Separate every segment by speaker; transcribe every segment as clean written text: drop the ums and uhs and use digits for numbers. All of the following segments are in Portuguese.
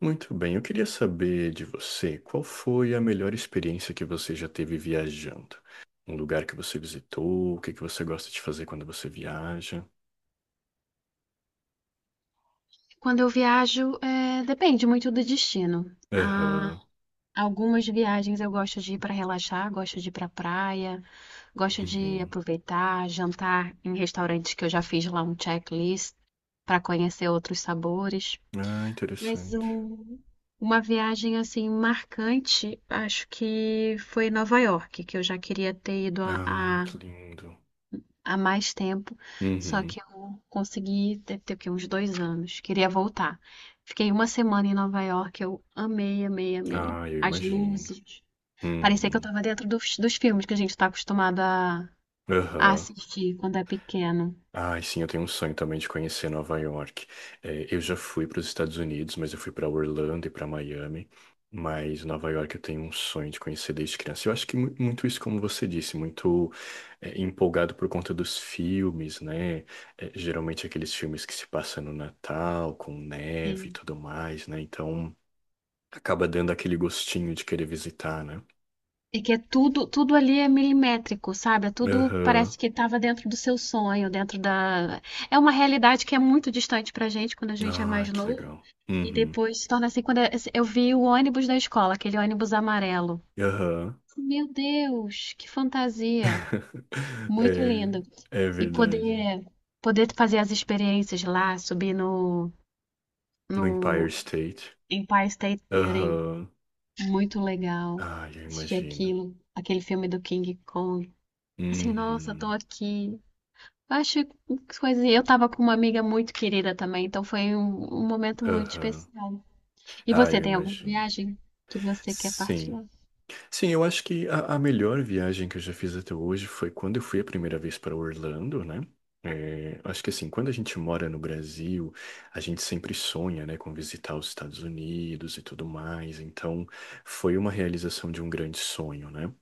Speaker 1: Muito bem, eu queria saber de você, qual foi a melhor experiência que você já teve viajando? Um lugar que você visitou, o que que você gosta de fazer quando você viaja?
Speaker 2: Quando eu viajo, depende muito do destino. Há
Speaker 1: Aham.
Speaker 2: algumas viagens eu gosto de ir para relaxar, gosto de ir para praia, gosto de
Speaker 1: Uhum.
Speaker 2: aproveitar, jantar em restaurantes que eu já fiz lá um checklist para conhecer outros sabores.
Speaker 1: Ah,
Speaker 2: Mas
Speaker 1: interessante.
Speaker 2: uma viagem assim marcante, acho que foi Nova York, que eu já queria ter ido
Speaker 1: Ah,
Speaker 2: a
Speaker 1: que lindo.
Speaker 2: há mais tempo, só
Speaker 1: Uhum.
Speaker 2: que eu consegui, deve ter o quê? Uns 2 anos. Queria voltar. Fiquei uma semana em Nova York, eu amei, amei, amei.
Speaker 1: Ah, eu
Speaker 2: As
Speaker 1: imagino.
Speaker 2: luzes. Parecia que eu
Speaker 1: Uhum.
Speaker 2: estava dentro dos filmes que a gente está acostumado a
Speaker 1: Aham.
Speaker 2: assistir quando é pequeno.
Speaker 1: Ai, sim, eu tenho um sonho também de conhecer Nova York. É, eu já fui para os Estados Unidos, mas eu fui para Orlando e para Miami. Mas Nova York eu tenho um sonho de conhecer desde criança. Eu acho que muito isso, como você disse, muito empolgado por conta dos filmes, né? É, geralmente aqueles filmes que se passam no Natal, com neve e
Speaker 2: E,
Speaker 1: tudo mais, né? Então acaba dando aquele gostinho de querer visitar, né?
Speaker 2: e que é tudo, tudo ali é milimétrico, sabe? É tudo parece
Speaker 1: Aham.
Speaker 2: que estava dentro do seu sonho, dentro da. É uma realidade que é muito distante pra gente quando a gente é
Speaker 1: Ai,
Speaker 2: mais
Speaker 1: que
Speaker 2: novo.
Speaker 1: legal.
Speaker 2: E
Speaker 1: Uhum.
Speaker 2: depois se torna assim quando eu vi o ônibus da escola, aquele ônibus amarelo.
Speaker 1: Aham.
Speaker 2: Meu Deus, que fantasia! Muito
Speaker 1: É,
Speaker 2: lindo.
Speaker 1: é
Speaker 2: E
Speaker 1: verdade.
Speaker 2: poder fazer as experiências lá, subir no
Speaker 1: No
Speaker 2: no
Speaker 1: Empire State.
Speaker 2: Empire State Building,
Speaker 1: Aham.
Speaker 2: muito legal.
Speaker 1: Ah, eu
Speaker 2: Assistir
Speaker 1: imagino.
Speaker 2: aquilo, aquele filme do King Kong. Assim, nossa, tô
Speaker 1: Uhum.
Speaker 2: aqui. Eu acho que coisa. Eu tava com uma amiga muito querida também, então foi um momento muito
Speaker 1: Aham.
Speaker 2: especial. E
Speaker 1: Ah, eu
Speaker 2: você tem alguma
Speaker 1: imagino.
Speaker 2: viagem que você quer
Speaker 1: Sim.
Speaker 2: partilhar?
Speaker 1: Sim, eu acho que a melhor viagem que eu já fiz até hoje foi quando eu fui a primeira vez para Orlando, né? É, acho que assim, quando a gente mora no Brasil, a gente sempre sonha, né, com visitar os Estados Unidos e tudo mais. Então, foi uma realização de um grande sonho, né?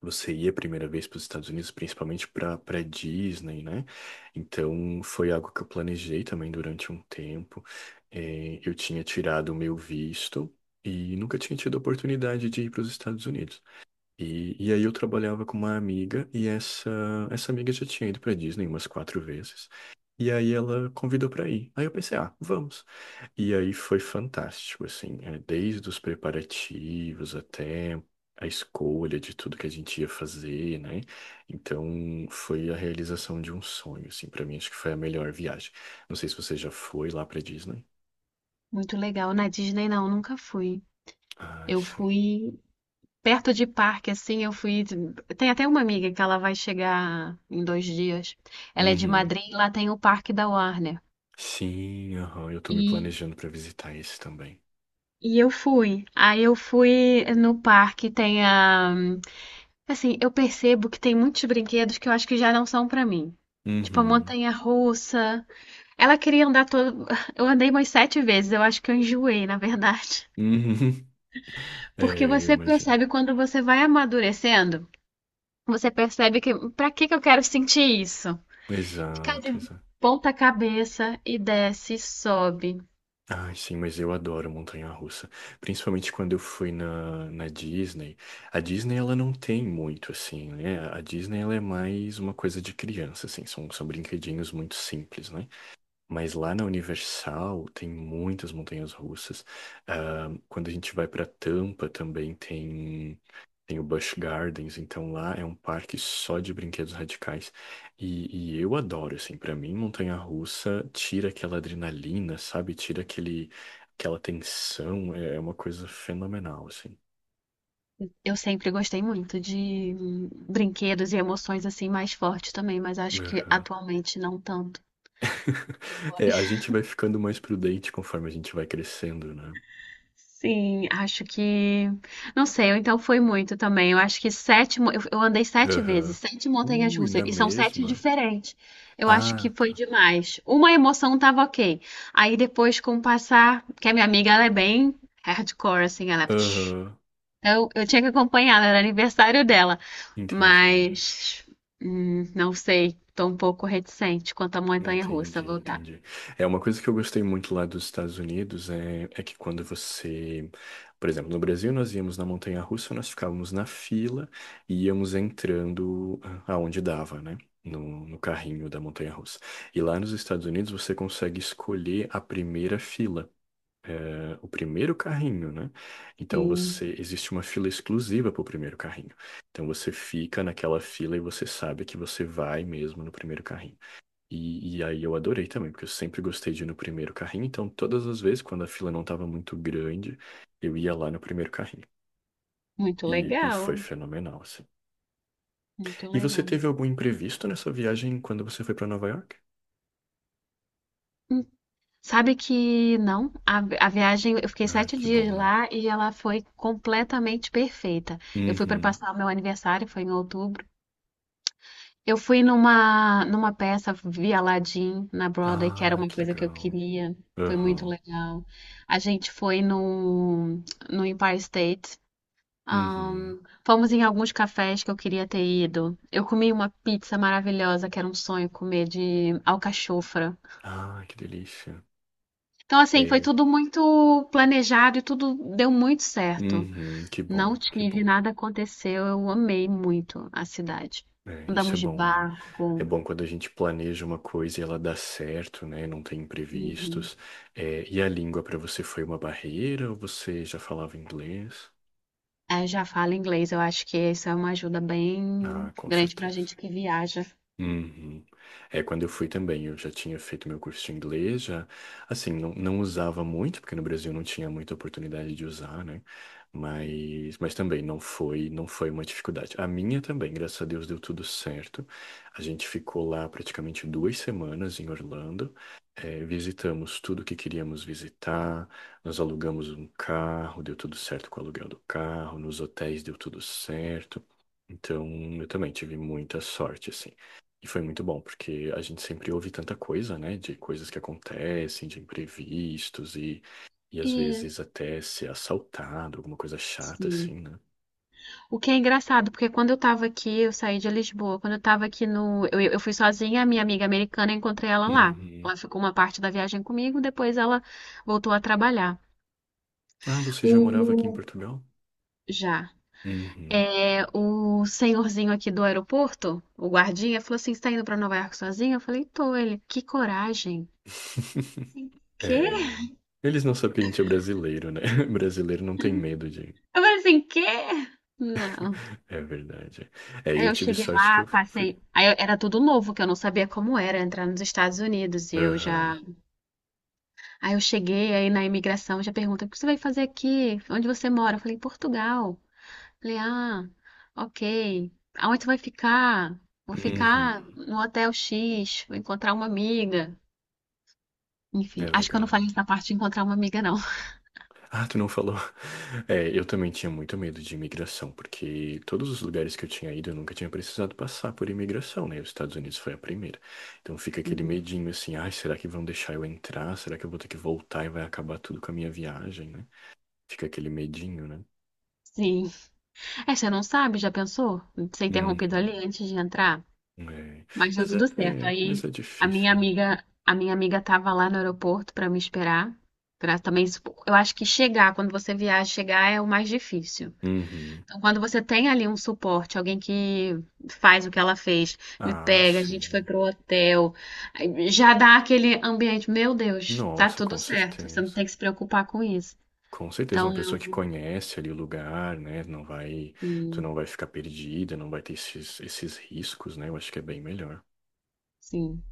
Speaker 1: Você ia a primeira vez para os Estados Unidos, principalmente para Disney, né? Então foi algo que eu planejei também durante um tempo. Eu tinha tirado o meu visto e nunca tinha tido a oportunidade de ir para os Estados Unidos. E aí eu trabalhava com uma amiga e essa amiga já tinha ido para Disney umas quatro vezes. E aí ela convidou para ir. Aí eu pensei, ah, vamos. E aí foi fantástico, assim, desde os preparativos até a escolha de tudo que a gente ia fazer, né? Então foi a realização de um sonho, assim, para mim acho que foi a melhor viagem. Não sei se você já foi lá para Disney.
Speaker 2: Muito legal. Na Disney, não, nunca fui.
Speaker 1: Ai,
Speaker 2: Eu
Speaker 1: sim.
Speaker 2: fui perto de parque, assim, eu fui. Tem até uma amiga que ela vai chegar em 2 dias. Ela é de
Speaker 1: Uhum.
Speaker 2: Madrid, e lá tem o parque da Warner.
Speaker 1: Sim, aham, eu tô me
Speaker 2: E,
Speaker 1: planejando para visitar esse também.
Speaker 2: e eu fui. Aí eu fui no parque, tem a. Assim, eu percebo que tem muitos brinquedos que eu acho que já não são pra mim. Tipo, a
Speaker 1: Uhum.
Speaker 2: montanha-russa. Ela queria andar todo. Eu andei umas sete vezes, eu acho que eu enjoei, na verdade.
Speaker 1: Uhum.
Speaker 2: Porque
Speaker 1: É, eu
Speaker 2: você
Speaker 1: imagino.
Speaker 2: percebe quando você vai amadurecendo. Você percebe que pra que que eu quero sentir isso? Ficar de
Speaker 1: Exato, exato.
Speaker 2: ponta cabeça e desce e sobe.
Speaker 1: Ai, sim, mas eu adoro montanha-russa. Principalmente quando eu fui na Disney. A Disney, ela não tem muito, assim, né? A Disney, ela é mais uma coisa de criança, assim. São brinquedinhos muito simples, né? Mas lá na Universal tem muitas montanhas russas. Ah, quando a gente vai para Tampa também tem o Busch Gardens. Então lá é um parque só de brinquedos radicais. E eu adoro, assim. Para mim, montanha russa tira aquela adrenalina, sabe? Tira aquele, aquela tensão. É uma coisa fenomenal, assim.
Speaker 2: Eu sempre gostei muito de brinquedos e emoções assim mais fortes também, mas acho que
Speaker 1: Aham.
Speaker 2: atualmente não tanto.
Speaker 1: É, a gente vai ficando mais prudente conforme a gente vai crescendo, né?
Speaker 2: Sim, acho que. Não sei, ou então foi muito também. Eu acho que sete. Eu andei sete vezes,
Speaker 1: Aham.
Speaker 2: sete
Speaker 1: Ui,
Speaker 2: montanhas-russas,
Speaker 1: na
Speaker 2: e são sete
Speaker 1: mesma.
Speaker 2: diferentes. Eu acho que
Speaker 1: Ah,
Speaker 2: foi
Speaker 1: tá.
Speaker 2: demais. Uma emoção tava ok. Aí depois, com o passar. Porque a minha amiga, ela é bem hardcore, assim, ela.
Speaker 1: Aham.
Speaker 2: Eu tinha que acompanhar, era aniversário dela.
Speaker 1: Entendi.
Speaker 2: Mas. Não sei, tô um pouco reticente quanto à montanha-russa
Speaker 1: Entendi,
Speaker 2: voltar.
Speaker 1: entendi. É uma coisa que eu gostei muito lá dos Estados Unidos é que quando você, por exemplo, no Brasil nós íamos na montanha-russa, nós ficávamos na fila e íamos entrando aonde dava, né? No carrinho da montanha-russa. E lá nos Estados Unidos você consegue escolher a primeira fila. É, o primeiro carrinho, né? Então
Speaker 2: Sim,
Speaker 1: você existe uma fila exclusiva para o primeiro carrinho. Então você fica naquela fila e você sabe que você vai mesmo no primeiro carrinho. E aí eu adorei também, porque eu sempre gostei de ir no primeiro carrinho. Então todas as vezes quando a fila não estava muito grande, eu ia lá no primeiro carrinho.
Speaker 2: muito
Speaker 1: E foi
Speaker 2: legal,
Speaker 1: fenomenal, assim.
Speaker 2: muito
Speaker 1: E você
Speaker 2: legal.
Speaker 1: teve algum imprevisto nessa viagem quando você foi para Nova York?
Speaker 2: Sabe que não, a viagem, eu fiquei
Speaker 1: Ah,
Speaker 2: sete
Speaker 1: que bom,
Speaker 2: dias
Speaker 1: né?
Speaker 2: lá e ela foi completamente perfeita. Eu fui para
Speaker 1: Uhum.
Speaker 2: passar o meu aniversário, foi em outubro. Eu fui numa peça, vi Aladdin na Broadway, que era
Speaker 1: Ah,
Speaker 2: uma
Speaker 1: que
Speaker 2: coisa que eu
Speaker 1: legal.
Speaker 2: queria. Foi muito
Speaker 1: Aham.
Speaker 2: legal. A gente foi no Empire State.
Speaker 1: Uhum.
Speaker 2: Ahn, fomos em alguns cafés que eu queria ter ido. Eu comi uma pizza maravilhosa, que era um sonho comer de alcachofra.
Speaker 1: Ah, que delícia.
Speaker 2: Então, assim, foi
Speaker 1: É.
Speaker 2: tudo muito planejado e tudo deu muito certo.
Speaker 1: Uhum, que
Speaker 2: Não
Speaker 1: bom, que
Speaker 2: tive,
Speaker 1: bom.
Speaker 2: nada aconteceu, eu amei muito a cidade.
Speaker 1: É, isso é
Speaker 2: Andamos de
Speaker 1: bom, né? É
Speaker 2: barco.
Speaker 1: bom quando a gente planeja uma coisa e ela dá certo, né? Não tem
Speaker 2: Uhum.
Speaker 1: imprevistos. É, e a língua para você foi uma barreira ou você já falava inglês?
Speaker 2: Aí eu já falo inglês, eu acho que isso é uma ajuda
Speaker 1: Ah,
Speaker 2: bem
Speaker 1: com
Speaker 2: grande pra
Speaker 1: certeza.
Speaker 2: gente que viaja.
Speaker 1: Uhum. É, quando eu fui também, eu já tinha feito meu curso de inglês, já, assim, não usava muito, porque no Brasil não tinha muita oportunidade de usar, né? Mas também não foi uma dificuldade. A minha também, graças a Deus, deu tudo certo. A gente ficou lá praticamente 2 semanas em Orlando, visitamos tudo que queríamos visitar, nós alugamos um carro, deu tudo certo com o aluguel do carro, nos hotéis deu tudo certo. Então, eu também tive muita sorte, assim. E foi muito bom, porque a gente sempre ouve tanta coisa, né? De coisas que acontecem, de imprevistos e às
Speaker 2: É,
Speaker 1: vezes até ser assaltado, alguma coisa chata assim,
Speaker 2: sim.
Speaker 1: né?
Speaker 2: O que é engraçado, porque quando eu tava aqui, eu saí de Lisboa. Quando eu tava aqui no. Eu fui sozinha, a minha amiga americana, eu encontrei ela lá.
Speaker 1: Uhum.
Speaker 2: Ela ficou uma parte da viagem comigo, depois ela voltou a trabalhar.
Speaker 1: Ah, você já morava aqui em
Speaker 2: O.
Speaker 1: Portugal?
Speaker 2: Já.
Speaker 1: Uhum.
Speaker 2: É, o senhorzinho aqui do aeroporto, o guardinha, falou assim: Você tá indo pra Nova York sozinho? Eu falei: Tô. Ele, que coragem. Assim, quê?
Speaker 1: É... Eles não sabem que a gente é brasileiro, né? Brasileiro não tem medo de.
Speaker 2: Eu falei assim: Quê? Não.
Speaker 1: É verdade. É,
Speaker 2: Aí
Speaker 1: eu
Speaker 2: eu
Speaker 1: tive
Speaker 2: cheguei
Speaker 1: sorte que eu
Speaker 2: lá,
Speaker 1: fui.
Speaker 2: passei. Era tudo novo, que eu não sabia como era entrar nos Estados Unidos. E eu
Speaker 1: Aham.
Speaker 2: já. Aí eu cheguei aí na imigração, já pergunta: O que você vai fazer aqui? Onde você mora? Eu falei: Portugal. Falei: Ah, ok. Aonde você vai ficar? Vou ficar
Speaker 1: Uhum.
Speaker 2: no hotel X, vou encontrar uma amiga. Enfim,
Speaker 1: É
Speaker 2: acho que eu não
Speaker 1: legal, né?
Speaker 2: falei essa parte de encontrar uma amiga, não.
Speaker 1: Ah, tu não falou. É, eu também tinha muito medo de imigração, porque todos os lugares que eu tinha ido, eu nunca tinha precisado passar por imigração, né? Os Estados Unidos foi a primeira. Então fica aquele
Speaker 2: Uhum.
Speaker 1: medinho assim, ai, será que vão deixar eu entrar? Será que eu vou ter que voltar e vai acabar tudo com a minha viagem, né? Fica aquele medinho, né?
Speaker 2: Sim. É, você não sabe, já pensou? Ser
Speaker 1: Uhum.
Speaker 2: interrompido ali antes de entrar?
Speaker 1: É.
Speaker 2: Mas deu
Speaker 1: Mas é,
Speaker 2: tudo certo.
Speaker 1: é, mas
Speaker 2: Aí
Speaker 1: é
Speaker 2: a minha
Speaker 1: difícil, né?
Speaker 2: amiga, a minha amiga tava lá no aeroporto para me esperar. Pra também, eu acho que chegar, quando você viaja, chegar é o mais difícil.
Speaker 1: Uhum.
Speaker 2: Então, quando você tem ali um suporte, alguém que faz o que ela fez, me
Speaker 1: Ah,
Speaker 2: pega, a gente foi
Speaker 1: sim.
Speaker 2: pro hotel, aí já dá aquele ambiente, meu Deus, tá
Speaker 1: Nossa,
Speaker 2: tudo
Speaker 1: com
Speaker 2: certo, você não
Speaker 1: certeza.
Speaker 2: tem que se preocupar com isso.
Speaker 1: Com certeza, uma
Speaker 2: Então,
Speaker 1: pessoa que
Speaker 2: eu.
Speaker 1: conhece ali o lugar, né? Tu
Speaker 2: Sim,
Speaker 1: não vai ficar perdida, não vai ter esses riscos, né? Eu acho que é bem melhor.
Speaker 2: sim.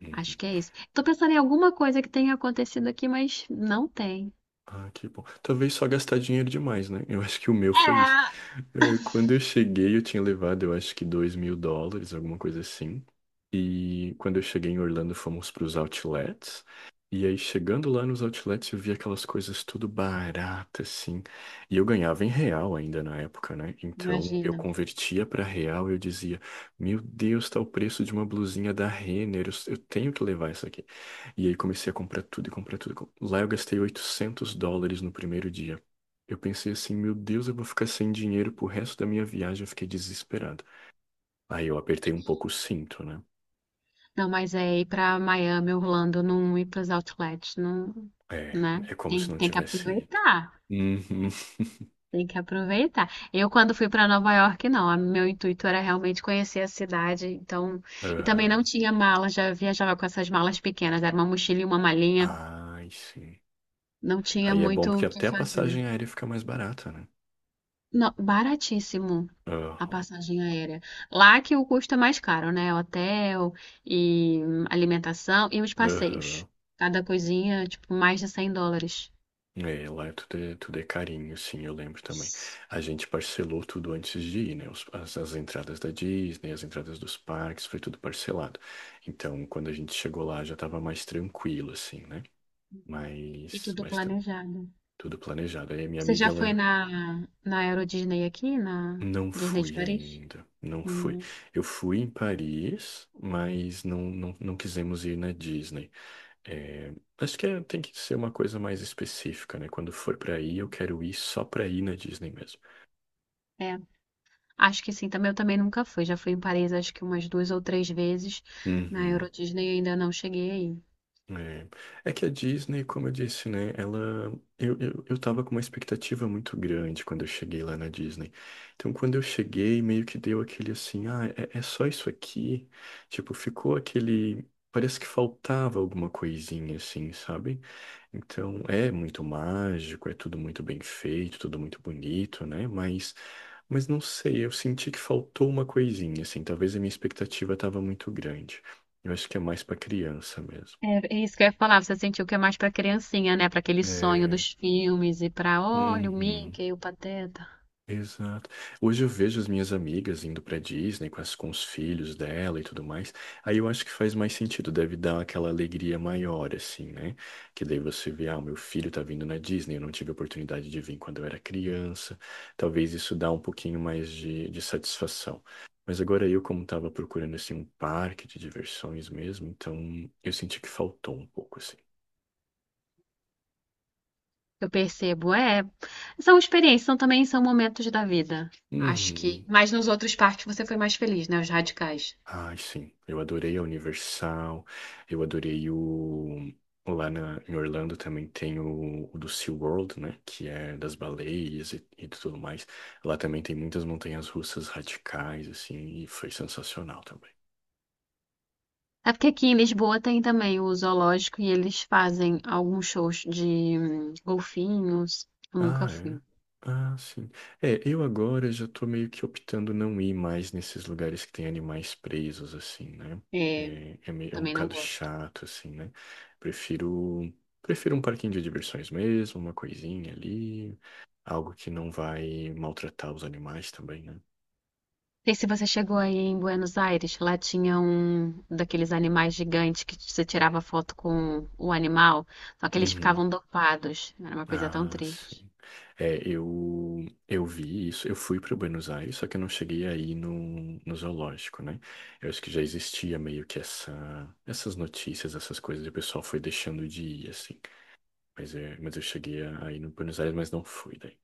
Speaker 1: Uhum.
Speaker 2: Acho que é isso. Tô pensando em alguma coisa que tenha acontecido aqui, mas não tem.
Speaker 1: Ah, que bom. Talvez só gastar dinheiro demais, né? Eu acho que o meu foi isso.
Speaker 2: É,
Speaker 1: É, quando eu cheguei, eu tinha levado, eu acho que $2.000, alguma coisa assim. E quando eu cheguei em Orlando, fomos para os outlets. E aí, chegando lá nos outlets, eu vi aquelas coisas tudo barata, assim. E eu ganhava em real ainda na época, né? Então, eu
Speaker 2: imagina.
Speaker 1: convertia para real e eu dizia: Meu Deus, tá o preço de uma blusinha da Renner, eu tenho que levar isso aqui. E aí, comecei a comprar tudo e comprar tudo. Lá, eu gastei $800 no primeiro dia. Eu pensei assim, meu Deus, eu vou ficar sem dinheiro pro resto da minha viagem. Eu fiquei desesperado. Aí eu apertei um pouco o cinto, né?
Speaker 2: Não, mas é ir pra Miami, Orlando, não ir pros outlets, não,
Speaker 1: É,
Speaker 2: né?
Speaker 1: é como se
Speaker 2: Tem,
Speaker 1: não
Speaker 2: tem que
Speaker 1: tivesse ido.
Speaker 2: aproveitar.
Speaker 1: Uhum.
Speaker 2: Tem que aproveitar. Eu, quando fui pra Nova York, não. Meu intuito era realmente conhecer a cidade. Então, e também não
Speaker 1: Aham.
Speaker 2: tinha mala, já viajava com essas malas pequenas. Era uma mochila e uma malinha.
Speaker 1: Ai, sim.
Speaker 2: Não tinha
Speaker 1: Aí é bom
Speaker 2: muito
Speaker 1: porque
Speaker 2: o que
Speaker 1: até a
Speaker 2: fazer.
Speaker 1: passagem aérea fica mais barata, né?
Speaker 2: Não, baratíssimo. A
Speaker 1: Aham.
Speaker 2: passagem aérea. Lá que o custo é mais caro, né? Hotel e alimentação e os passeios.
Speaker 1: Aham.
Speaker 2: Cada coisinha, tipo, mais de US$ 100.
Speaker 1: É, lá é tudo, tudo é carinho, sim, eu lembro também. A gente parcelou tudo antes de ir, né? As entradas da Disney, as entradas dos parques, foi tudo parcelado. Então, quando a gente chegou lá, já estava mais tranquilo, assim, né?
Speaker 2: E
Speaker 1: Mas,
Speaker 2: tudo
Speaker 1: mas tá
Speaker 2: planejado.
Speaker 1: tudo planejado. Aí a minha
Speaker 2: Você já
Speaker 1: amiga,
Speaker 2: foi
Speaker 1: ela
Speaker 2: na Euro Disney aqui, na
Speaker 1: não
Speaker 2: Disney de
Speaker 1: fui
Speaker 2: Paris?
Speaker 1: ainda, não fui.
Speaker 2: Hum,
Speaker 1: Eu fui em Paris, mas não quisemos ir na Disney. É, acho que tem que ser uma coisa mais específica, né? Quando for para ir, eu quero ir só para ir na Disney mesmo.
Speaker 2: é, acho que sim. Também eu também nunca fui. Já fui em Paris, acho que umas duas ou três vezes. Na
Speaker 1: Uhum.
Speaker 2: Euro Disney ainda não cheguei aí.
Speaker 1: É, é que a Disney, como eu disse, né, eu tava com uma expectativa muito grande quando eu cheguei lá na Disney. Então, quando eu cheguei, meio que deu aquele assim, ah, é só isso aqui? Tipo, ficou aquele, parece que faltava alguma coisinha, assim, sabe? Então, é muito mágico, é tudo muito bem feito, tudo muito bonito, né? Mas não sei, eu senti que faltou uma coisinha, assim, talvez a minha expectativa tava muito grande. Eu acho que é mais pra criança mesmo.
Speaker 2: É isso que eu ia falar, você sentiu que é mais pra criancinha, né? Pra aquele sonho
Speaker 1: É,
Speaker 2: dos filmes e pra, olha, o
Speaker 1: uhum,
Speaker 2: Mickey, o Pateta.
Speaker 1: exato. Hoje eu vejo as minhas amigas indo pra Disney com os filhos dela e tudo mais. Aí eu acho que faz mais sentido, deve dar aquela alegria maior, assim, né? Que daí você vê, ah, o meu filho tá vindo na Disney, eu não tive a oportunidade de vir quando eu era criança. Talvez isso dá um pouquinho mais de satisfação. Mas agora eu, como tava procurando, assim, um parque de diversões mesmo, então eu senti que faltou um pouco, assim.
Speaker 2: Eu percebo, é, são experiências, são também são momentos da vida. Acho que,
Speaker 1: Uhum.
Speaker 2: mas nos outros parques você foi mais feliz, né? Os radicais.
Speaker 1: Ai, sim. Eu adorei a Universal. Eu adorei o. Em Orlando também tem o do SeaWorld, né? Que é das baleias e tudo mais. Lá também tem muitas montanhas russas radicais, assim, e foi sensacional também.
Speaker 2: É porque aqui em Lisboa tem também o zoológico e eles fazem alguns shows de golfinhos. Eu nunca
Speaker 1: Ah, é.
Speaker 2: fui.
Speaker 1: Ah, sim. É, eu agora já tô meio que optando não ir mais nesses lugares que tem animais presos, assim, né?
Speaker 2: É,
Speaker 1: É, meio, é um
Speaker 2: também não
Speaker 1: bocado
Speaker 2: gosto.
Speaker 1: chato, assim, né? Prefiro, prefiro um parquinho de diversões mesmo, uma coisinha ali, algo que não vai maltratar os animais também, né?
Speaker 2: Sei se você chegou aí em Buenos Aires, lá tinha um daqueles animais gigantes que você tirava foto com o animal, só que eles
Speaker 1: Uhum.
Speaker 2: ficavam dopados. Era uma coisa tão
Speaker 1: Ah, sim.
Speaker 2: triste.
Speaker 1: É, eu vi isso, eu fui para Buenos Aires, só que eu não cheguei aí no zoológico, né? Eu acho que já existia meio que essa, essas notícias, essas coisas, e o pessoal foi deixando de ir, assim. Mas eu cheguei aí no Buenos Aires, mas não fui daí.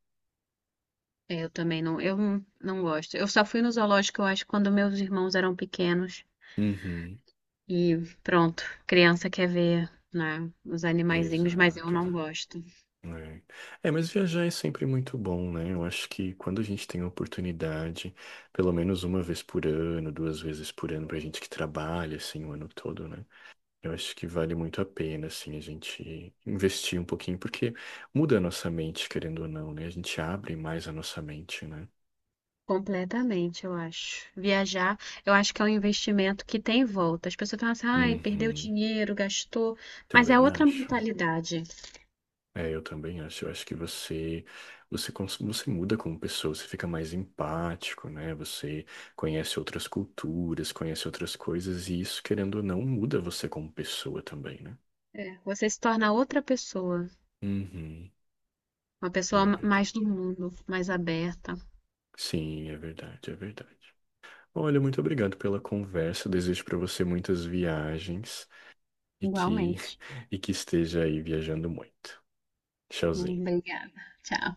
Speaker 2: Eu também não, eu não gosto. Eu só fui no zoológico, eu acho, quando meus irmãos eram pequenos.
Speaker 1: Uhum,
Speaker 2: E pronto, criança quer ver, né, os animaizinhos, mas eu
Speaker 1: exato,
Speaker 2: não
Speaker 1: exato.
Speaker 2: gosto.
Speaker 1: É. É, mas viajar é sempre muito bom, né? Eu acho que quando a gente tem a oportunidade, pelo menos uma vez por ano, duas vezes por ano, pra gente que trabalha, assim, o ano todo, né? Eu acho que vale muito a pena, assim, a gente investir um pouquinho, porque muda a nossa mente, querendo ou não, né? A gente abre mais a nossa mente, né?
Speaker 2: Completamente, eu acho. Viajar, eu acho que é um investimento que tem volta. As pessoas falam assim, ai, perdeu
Speaker 1: Uhum,
Speaker 2: dinheiro, gastou, mas é
Speaker 1: também
Speaker 2: outra
Speaker 1: acho.
Speaker 2: mentalidade.
Speaker 1: É, eu também acho. Eu acho que você, você muda como pessoa, você fica mais empático, né? Você conhece outras culturas, conhece outras coisas, e isso, querendo ou não, muda você como pessoa também, né?
Speaker 2: É, você se torna outra pessoa,
Speaker 1: Uhum,
Speaker 2: uma pessoa
Speaker 1: é
Speaker 2: mais do
Speaker 1: verdade.
Speaker 2: mundo, mais aberta.
Speaker 1: Sim, é verdade, é verdade. Olha, muito obrigado pela conversa. Eu desejo para você muitas viagens e que
Speaker 2: Igualmente.
Speaker 1: e que esteja aí viajando muito. Tchauzinho.
Speaker 2: Obrigada. Tchau.